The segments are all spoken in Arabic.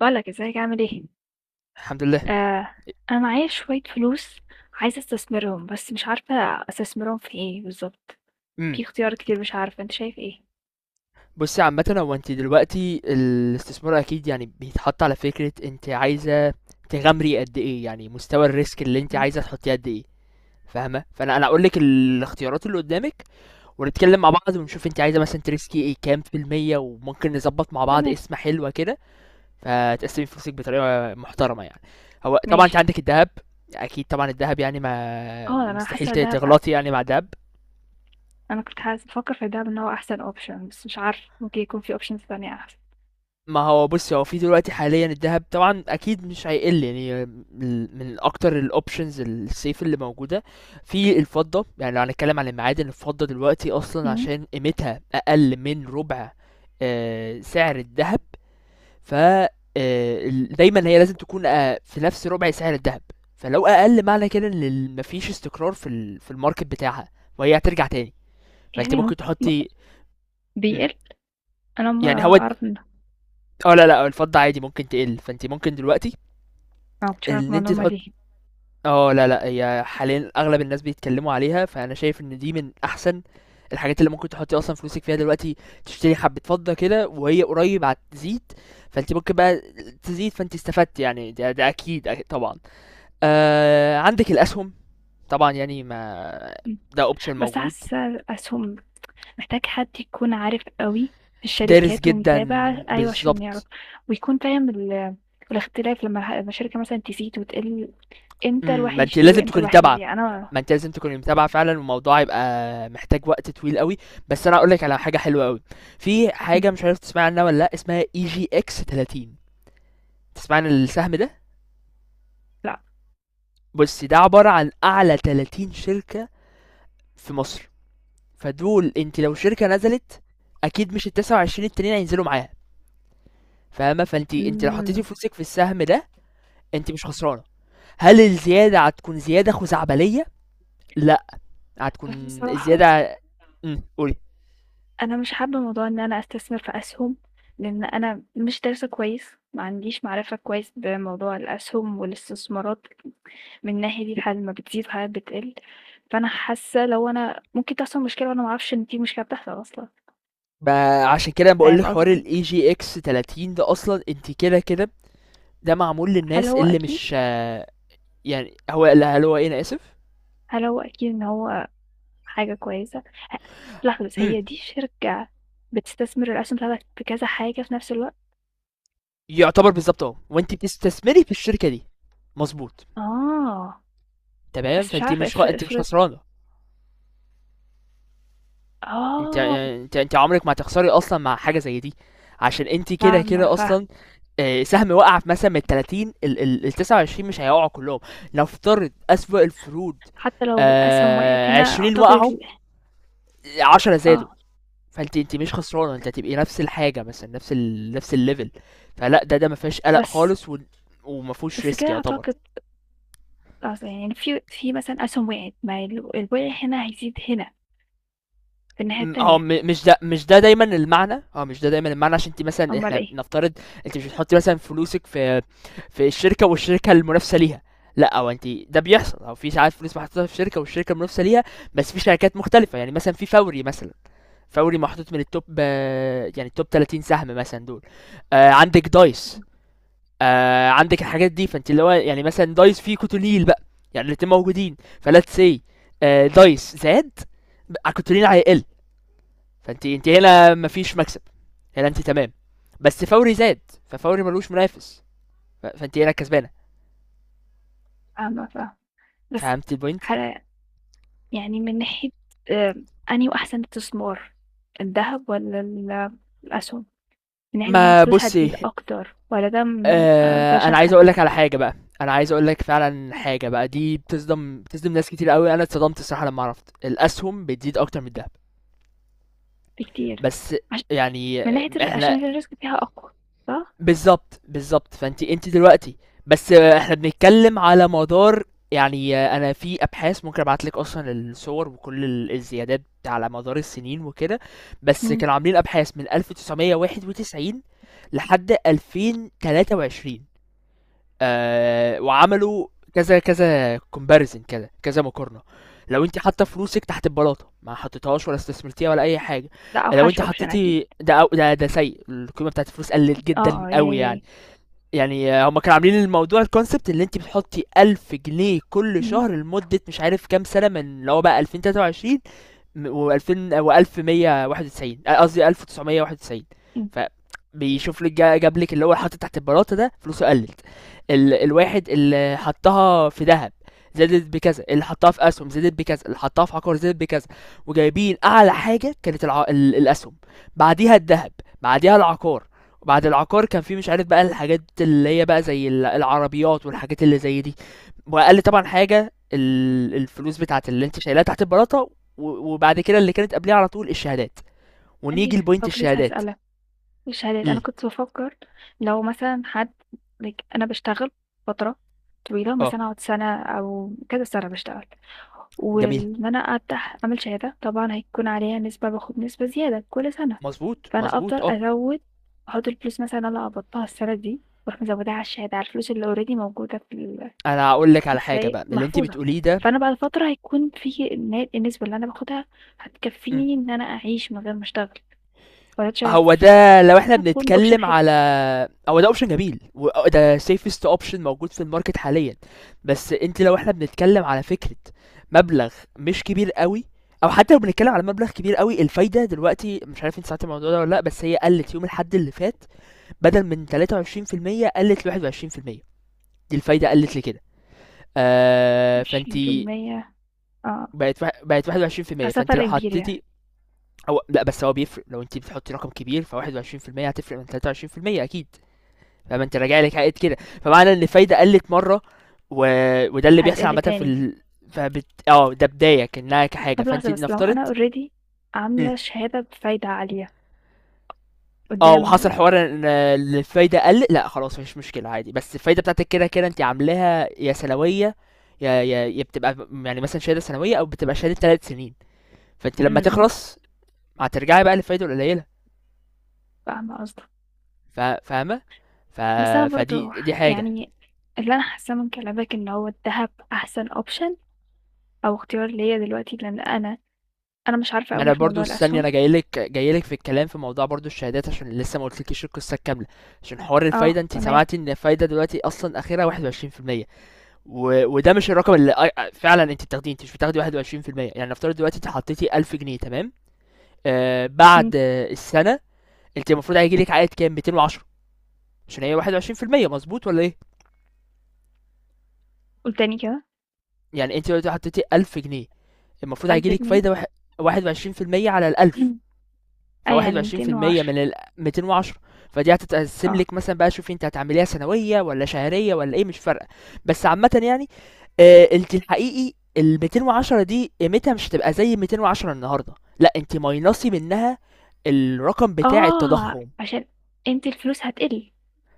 بقولك ازيك عامل ايه؟ الحمد لله. آه. انا معايا شوية فلوس عايزة استثمرهم بس مش عارفة استثمرهم في ايه بالظبط. إمم. في اختيار كتير مش عارفة انت شايف ايه؟ بُصّي عامةً، هو أنتِ دلوقتي الاستثمار أكيد يعني بيتحط على فكرة، أنتِ عايزة تغامري قد إيه، يعني مستوى الrisk اللي أنتِ مم. عايزة تحطّيه قد إيه، فاهمة؟ فأنا هاقول لِك الاختيارات اللي قدّامِك، ونتكلّم مع بعض، ونشوف أنتِ عايزة مثلًا تريسكي إيه كام في المِيّة، وممكن نضبّط مع بعض تمام. قِسمة حلوة كده، فتقسّمي فلوسِك بطريقة محترمة يعني. هو طبعًا أنتِ ماشي. عندِك الدهب، أكيد طبعًا الدهب، يعني ما اه. مستحيل ت تغلطي يعني مع الدهب. انا كنت حاسة بفكر في الدهب ان هو احسن اوبشن، بس مش عارف ممكن يكون في اوبشنز تانية احسن. ما هو بص، هو في دلوقتي حاليا الذهب طبعا اكيد مش هيقل، يعني من اكتر الاوبشنز السيف اللي موجوده في الفضه. يعني لو هنتكلم عن المعادن، الفضه دلوقتي اصلا مم. عشان قيمتها اقل من ربع سعر الذهب. ف آه، دايما هي لازم تكون في نفس ربع سعر الذهب. فلو اقل معنى كده ان مفيش استقرار في الماركت بتاعها، وهي هترجع تاني، فانت يعني مم- ممكن تحطي. مم. بيقل. انا ما يعني هو، اعرف ان اه لا لا الفضة عادي ممكن تقل، فانت ممكن دلوقتي آه، ما كنتش أعرف ان انت المعلومة تحط. دي. اه لا لا هي حاليا اغلب الناس بيتكلموا عليها، فانا شايف ان دي من احسن الحاجات اللي ممكن تحطي اصلا فلوسك فيها دلوقتي. تشتري حبة فضة كده وهي قريب هتزيد، فانت ممكن بقى تزيد، فانت استفدت يعني. ده, ده اكيد، أكيد طبعا. عندك الاسهم طبعا يعني، ما مم. ده اوبشن بس موجود. حاسة الأسهم محتاج حد يكون عارف قوي في دارس الشركات جدا، ومتابع، أيوة، عشان يعرف، بالظبط. ويكون فاهم الاختلاف لما لما الشركة مثلا تزيد وتقل، امتى إمم، الواحد ما أنتِ يشتري لازم وامتى تكوني الواحد متابعة، يبيع. ما أنتِ لازم تكوني متابعة فعلًا، والموضوع هيبقى محتاج وقت طويل أوي. بس أنا هاقول لِك على حاجة حلوة أوي، في مم. حاجة مش عارف تسمعي عنها والّا لأ، اسمها EGX30. تسمعي عن السهم ده؟ لا. بُصّي، ده عبارة عن أعلى 30 شركة في مصر، فدول أنتِ لو شركة نزلت أكيد مش ال29 التانيين هينزلوا معاها، فاهمة؟ فأنتِ لو حطيتِ مم. فلوسِك في السهم ده، أنتِ مش خسرانة. هل الزيادة هتكون زيادة خزعبلية؟ لأ، هتكون بس بصراحة، الزيادة. إمم، قولي. أنا مش حابة موضوع إن أنا أستثمر في أسهم، لأن أنا مش دارسة كويس، ما عنديش معرفة كويس بموضوع الأسهم والاستثمارات من الناحية دي. الحالات ما بتزيد وحالات بتقل، فأنا حاسة لو أنا ممكن تحصل مشكلة وأنا معرفش إن في مشكلة بتحصل أصلا. ما عشان كده أنا بقول لك فاهم حوار ال قصدي؟ AGX 30 ده أصلًا أنتِ كده، كده. ده معمول هل للناس هو اللي أكيد مش يعني هو، لا، هل هو إيه أنا آسف؟ هل هو أكيد إن هو حاجة كويسة؟ لا خلاص، إمم، هي دي شركة بتستثمر الأسهم بتاعتك في كذا حاجة في نفس الوقت. يعتبر بالضبط وأنتِ بتستثمري في الشركة دي، مضبوط، آه. تمام. بس مش فأنتِ عارفة، مش خ افرض أنتِ مش افرض. خسرانة. أنتِ آه. آآ أنتِ أنتِ عمرِك ما هتخسري أصلًا مع حاجة زي دي، عشان أنتِ كده، فاهمة كده أصلًا فاهمة. سهم وقع في مثلًا من ال30، ال ال ال29 مش هيقعوا كلهم. نفترض أسوأ الفروض، حتى لو الأسهم وقعت هنا 20 أعتقد وقعوا، 10 زادوا. آه. فانت مش خسرانه، انت هتبقي نفس الحاجه، مثلا نفس ال، نفس الليفل. فلا ده ما فيهاش قلق بس خالص، و... وما فيهوش بس كده ريسك يعتبر. أعتقد. أصل يعني في مثلا أسهم وقعت، ما الوقع هنا هيزيد هنا في الناحية م- اه التانية. م- مش ده مش ده دايما المعنى، مش ده دايما المعنى. عشان انت مثلا، أمال احنا إيه؟ نفترض انت مش بتحطي مثلا فلوسك في الشركه والشركه المنافسه ليها، لا، او انت ده بيحصل، او في ساعات فلوس محطوطه في شركه والشركه المنافسه ليها، بس في شركات مختلفه، يعني مثلا في فوري مثلا. فوري محطوط من التوب، يعني التوب 30 سهم مثلا دول. عندك دايس، عندك الحاجات دي، فانت اللي هو يعني مثلا دايس فيه كوتونيل بقى، يعني الاتنين موجودين فلات سي. دايس زاد، كوتونيل هيقل. فانت هنا مفيش مكسب، هنا انت تمام. بس فوري زاد، ففوري ملوش منافس، فانت هنا كسبانه. فاهمة، فاهمة. بس. فهمت البوينت؟ حلا. يعني من ناحية آآ أنهو أحسن استثمار، الدهب والّا الأسهم؟ من ناحية إن ما الفلوس هتزيد بصي، أكتر. والّا ده م ما نقدرش انا عايز اقول نحدد لك على حاجه بقى، انا عايز اقول لك فعلا حاجه بقى. دي بتصدم ناس كتير قوي، انا اتصدمت الصراحه لما عرفت الاسهم بتزيد اكتر من الذهب، بكتير. بس عش يعني من ناحية احنا عشان الrisk فيها أقوى، صح؟ بالضبط، بالضبط. فأنتِ دلوقتي بس إحنا بنتكلم على مدار يعني أنا في أبحاث ممكن أبعت لِك أصلًا الصور وكل الزيادات على مدار السنين وكده. بس إمم، كانوا عاملين أبحاث من 1991 لحد 2023. وعملوا كذا كذا comparison كده، كذا مقارنة. لو أنتِ حاطة فلوسِك تحت البلاطة، ما حطيتيهاش ولا استثمرتيها ولا أي حاجة، ده لو أنتِ أوحش option أكيد. حطيتِ ده أو ده، ده سيء، القيمة بتاعة الفلوس قلت جدًا آه، آه، أوي يعني يعني. إيه؟ يعني هم كانوا عاملين الموضوع الكونسبت، اللي انت بتحطي 1000 جنيه كل شهر لمدة مش عارف كام سنة، من اللي هو بقى 2023 و2000 و1191 قصدي 1991. إمم، فبيشوف لك جاب لك اللي هو حاطط تحت البلاطه ده فلوسه قلت، ال، الواحد اللي حطها في ذهب زادت بكذا، اللي حطها في اسهم زادت بكذا، اللي حطها في عقار زادت بكذا. وجايبين اعلى حاجه كانت الع، ال، الاسهم، بعديها الذهب، بعديها العقار. وبعد العقار كان في مش عارف بقى الحاجات اللي هي بقى زي العربيات والحاجات اللي زي دي. واقل طبعا حاجه الفلوس بتاعت اللي انت شايلها تحت البلاطه. وبعد كده اللي كانت قبليها على طول الشهادات. عندي ونيجي ف لبوينت آه كنت لسه الشهادات. هاسألك. الشهادات أنا امم، كنت بافكّر، لو مثلًا حد like أنا باشتغل فترة طويلة، اه، مثلًا أقعد سَنة أو كذا سَنة باشتغل، جميل، وإن أنا أفتح أعمل شهادة طبعًا هيكون عليها نسبة، باخد نسبة زيادة كل سَنة، مظبوط فأنا أفضل مظبوط اه. أزوّد، أحُط الفلوس مثلًا اللي أنا قبضتها السَنة دي، وأروح مزوّداها على الشهادة، على الفلوس اللي already موجودة في انا هقول لك على حاجه زي بقى من اللي انت محفوظة. بتقوليه ده. فأنا بعد فترة هيكون في النسبة اللي أنا باخدها مم. هتكفّيني إن أنا أعيش من غير ما أشتغل، والّا أنت هو شايف؟ ده لو احنا حاسة هتكون option بنتكلم حلو. على، هو ده اوبشن جميل، وده سيفست اوبشن موجود في الماركت حاليا. بس انت لو احنا بنتكلم على فكره مبلغ مش كبير قوي، او حتى لو بنتكلم على مبلغ كبير قوي، الفايده دلوقتي مش عارف انت سمعت الموضوع ده ولا لا، بس هي قلت يوم الحد اللي فات بدل من 23% قلت ل 21%. دي الفايدة قلت لكده. فانت 20 يومية. آه، بقت 21%. أصل ده فانت لو فرق كبير حطيتي، يعني. او لا، بس هو بيفرق لو انت بتحطي رقم كبير، ف 21% هتفرق من 23% اكيد. فما انت راجع لك عائد كده. فمعنى ان الفايدة قلت مرة، و... وده اللي بيحصل هتقل عامة في تاني. ال، فبت... اه ده بداية كأنها كحاجة، طب فانت لحظة، بس لو نفترض. أنا already مم. عاملة شهادة بفايدة عالية اه، وحصل قدام. حوار ان إن الفايدة قلت، لا خلاص مفيش مشكلة عادي. بس الفايدة بتاعتك كده كده انت عاملاها يا سنوية، يا بتبقى يعني مثلا شهادة سنوية، او بتبقى شهادة 3 سنين، فانت م- لما م، تخلص هترجعي بقى للفايده القليله. فاهمة قصدك. فاهمه. ف... بس أنا فدي برضو دي حاجه. يعني، اللي أنا حاساه من كلامك إن هو الذهب أحسن أوبشن، أو اختيار ليا دلوقتي، لأن أنا مش عارفة ما انا أوي في برضو موضوع استني، الأسهم. انا جاي لك في الكلام في موضوع برضو الشهادات، عشان لسه ما قلتلكيش القصه الكامله. عشان حوار اه الفايده، انت تمام. سمعتي ان الفايده دلوقتي اصلا اخرها 21%. و... وده مش الرقم اللي فعلا انت بتاخديه، انت مش بتاخدي 21%. يعني نفترض دلوقتي انت حطيتي 1000 جنيه تمام، م، بعد السنه انت المفروض هيجي لك عائد كام؟ 210، عشان هي 21%، مظبوط ولا ايه؟ قول تاني كده. يعني انت دلوقتي حطيتي 1000 جنيه، المفروض ألف هيجيلك جنيه فايدة 21% على الألف. اه، فواحد يعني وعشرين في ميتين المية وعشرة من الميتين وعشرة. فدي هتتقسم اه. لك مثلا بقى. شوفي انت هتعمليها سنوية ولا شهرية ولا ايه، مش فارقة. بس عامة يعني، انت الحقيقي ال 210 دي قيمتها مش هتبقى زي 210 النهارده، لا، انت ماينصي منها الرقم بتاع اه، التضخم. عشان انت الفلوس هتقل.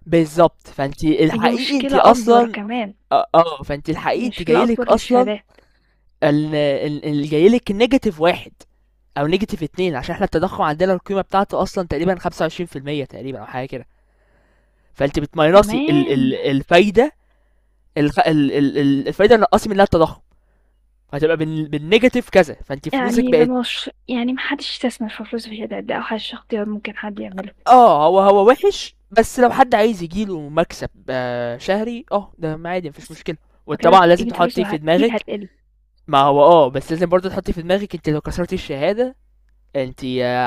بالظبط، فانت يعني دي الحقيقي انت مشكلة أكبر اصلا، كمان، اه، فانت الحقيقي انت مشكلة جايلك أكبر اصلا للشهادات. اللي جاي لك نيجاتيف واحد او نيجاتيف اتنين، عشان احنا التضخم عندنا القيمه بتاعته اصلا تقريبا 25% تقريبا او حاجه كده. فانت بتماينصي تمام. الفايده. الفايده اللي نقصي منها التضخم هتبقى بالنيجاتيف كذا، فانت فلوسك يعني ده بقت. مش يعني ما حدش يستثمر في فلوسه في الشهادات، ده أوحش اختيار ممكن حد يعمله. اه، هو هو وحش، بس لو حد عايز يجيله مكسب شهري اه ده عادي مفيش بس مشكله. فكده وطبعا لازم قيمة تحطي فلوسه في أكيد دماغك، هتقل. ما هو اه بس لازم برضه تحطي في دماغك انت لو كسرتي الشهاده انت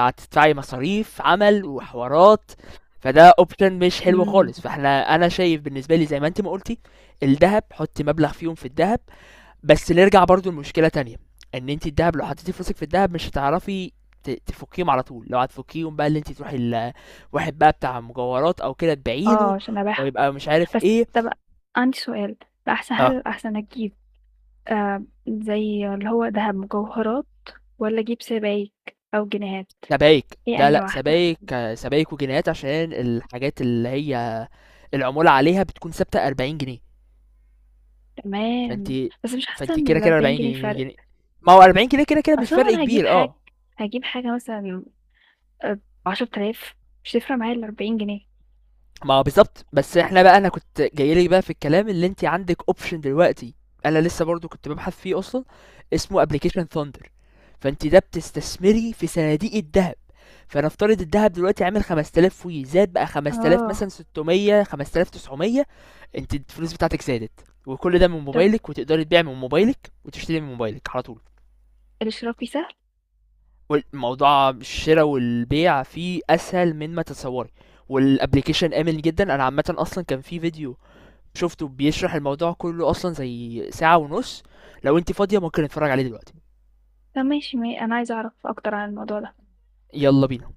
هتدفعي مصاريف عمل وحوارات. فده اوبشن مش حلو إمم. خالص. فاحنا انا شايف بالنسبه لي زي ما انت ما قلتي، الذهب، حطي مبلغ فيهم في الذهب. بس نرجع برضو لمشكله تانية، ان انت الذهب لو حطيتي فلوسك في الذهب مش هتعرفي تفكيهم على طول. لو هتفكيهم بقى اللي انت تروحي واحد بقى بتاع مجوهرات او كده تبيعيله، عشان أبيعها. ويبقى مش عارف بس. ايه. طب، عندي سؤال، هل اه، الأحسن أجيب زي اللي هو دهب مجوهرات والّا أجيب سبايك أو جنيهات؟ سبايك، هي لا أنهي لا، واحدة؟ سبايك سبايك وجنيهات، عشان الحاجات اللي هي العمولة عليها بتكون ثابتة 40 جنيه. فانت، تمام. بس مش حاسة فانت إن كده كده ال40 40 جنيه جنيه فرق. جنيه ما هو 40 جنيه كده كده مش أصل هو فرق أنا كبير اه. هاجيب حاجة مثلًا آآ ب10.000، مش هتفرق معايا ال40 جنيه. ما هو بالظبط. بس احنا بقى انا كنت جايلك بقى في الكلام، اللي انت عندك اوبشن دلوقتي انا لسه برضو كنت ببحث فيه اصلا، اسمه ابلكيشن ثاندر. فانت ده بتستثمري في صناديق الذهب، فنفترض الذهب دلوقتي عامل 5000 وي زاد بقى 5000 آه، مثلا، 600 5900. انت الفلوس بتاعتك زادت، وكل ده من طب موبايلك، وتقدري تبيع من موبايلك وتشتري من موبايلك على طول. الإشراكي سهل؟ والموضوع الشرا والبيع فيه اسهل من ما تتصوري. والابلكيشن امن جدا، انا عامه اصلا كان في فيديو شفته بيشرح الموضوع كله اصلا زي 1:30 ساعة، لو انت فاضيه ممكن نتفرج عليه دلوقتي. طب ماشي، ما أنا عايزة أعرف أكتر عن الموضوع ده. يلا بينا.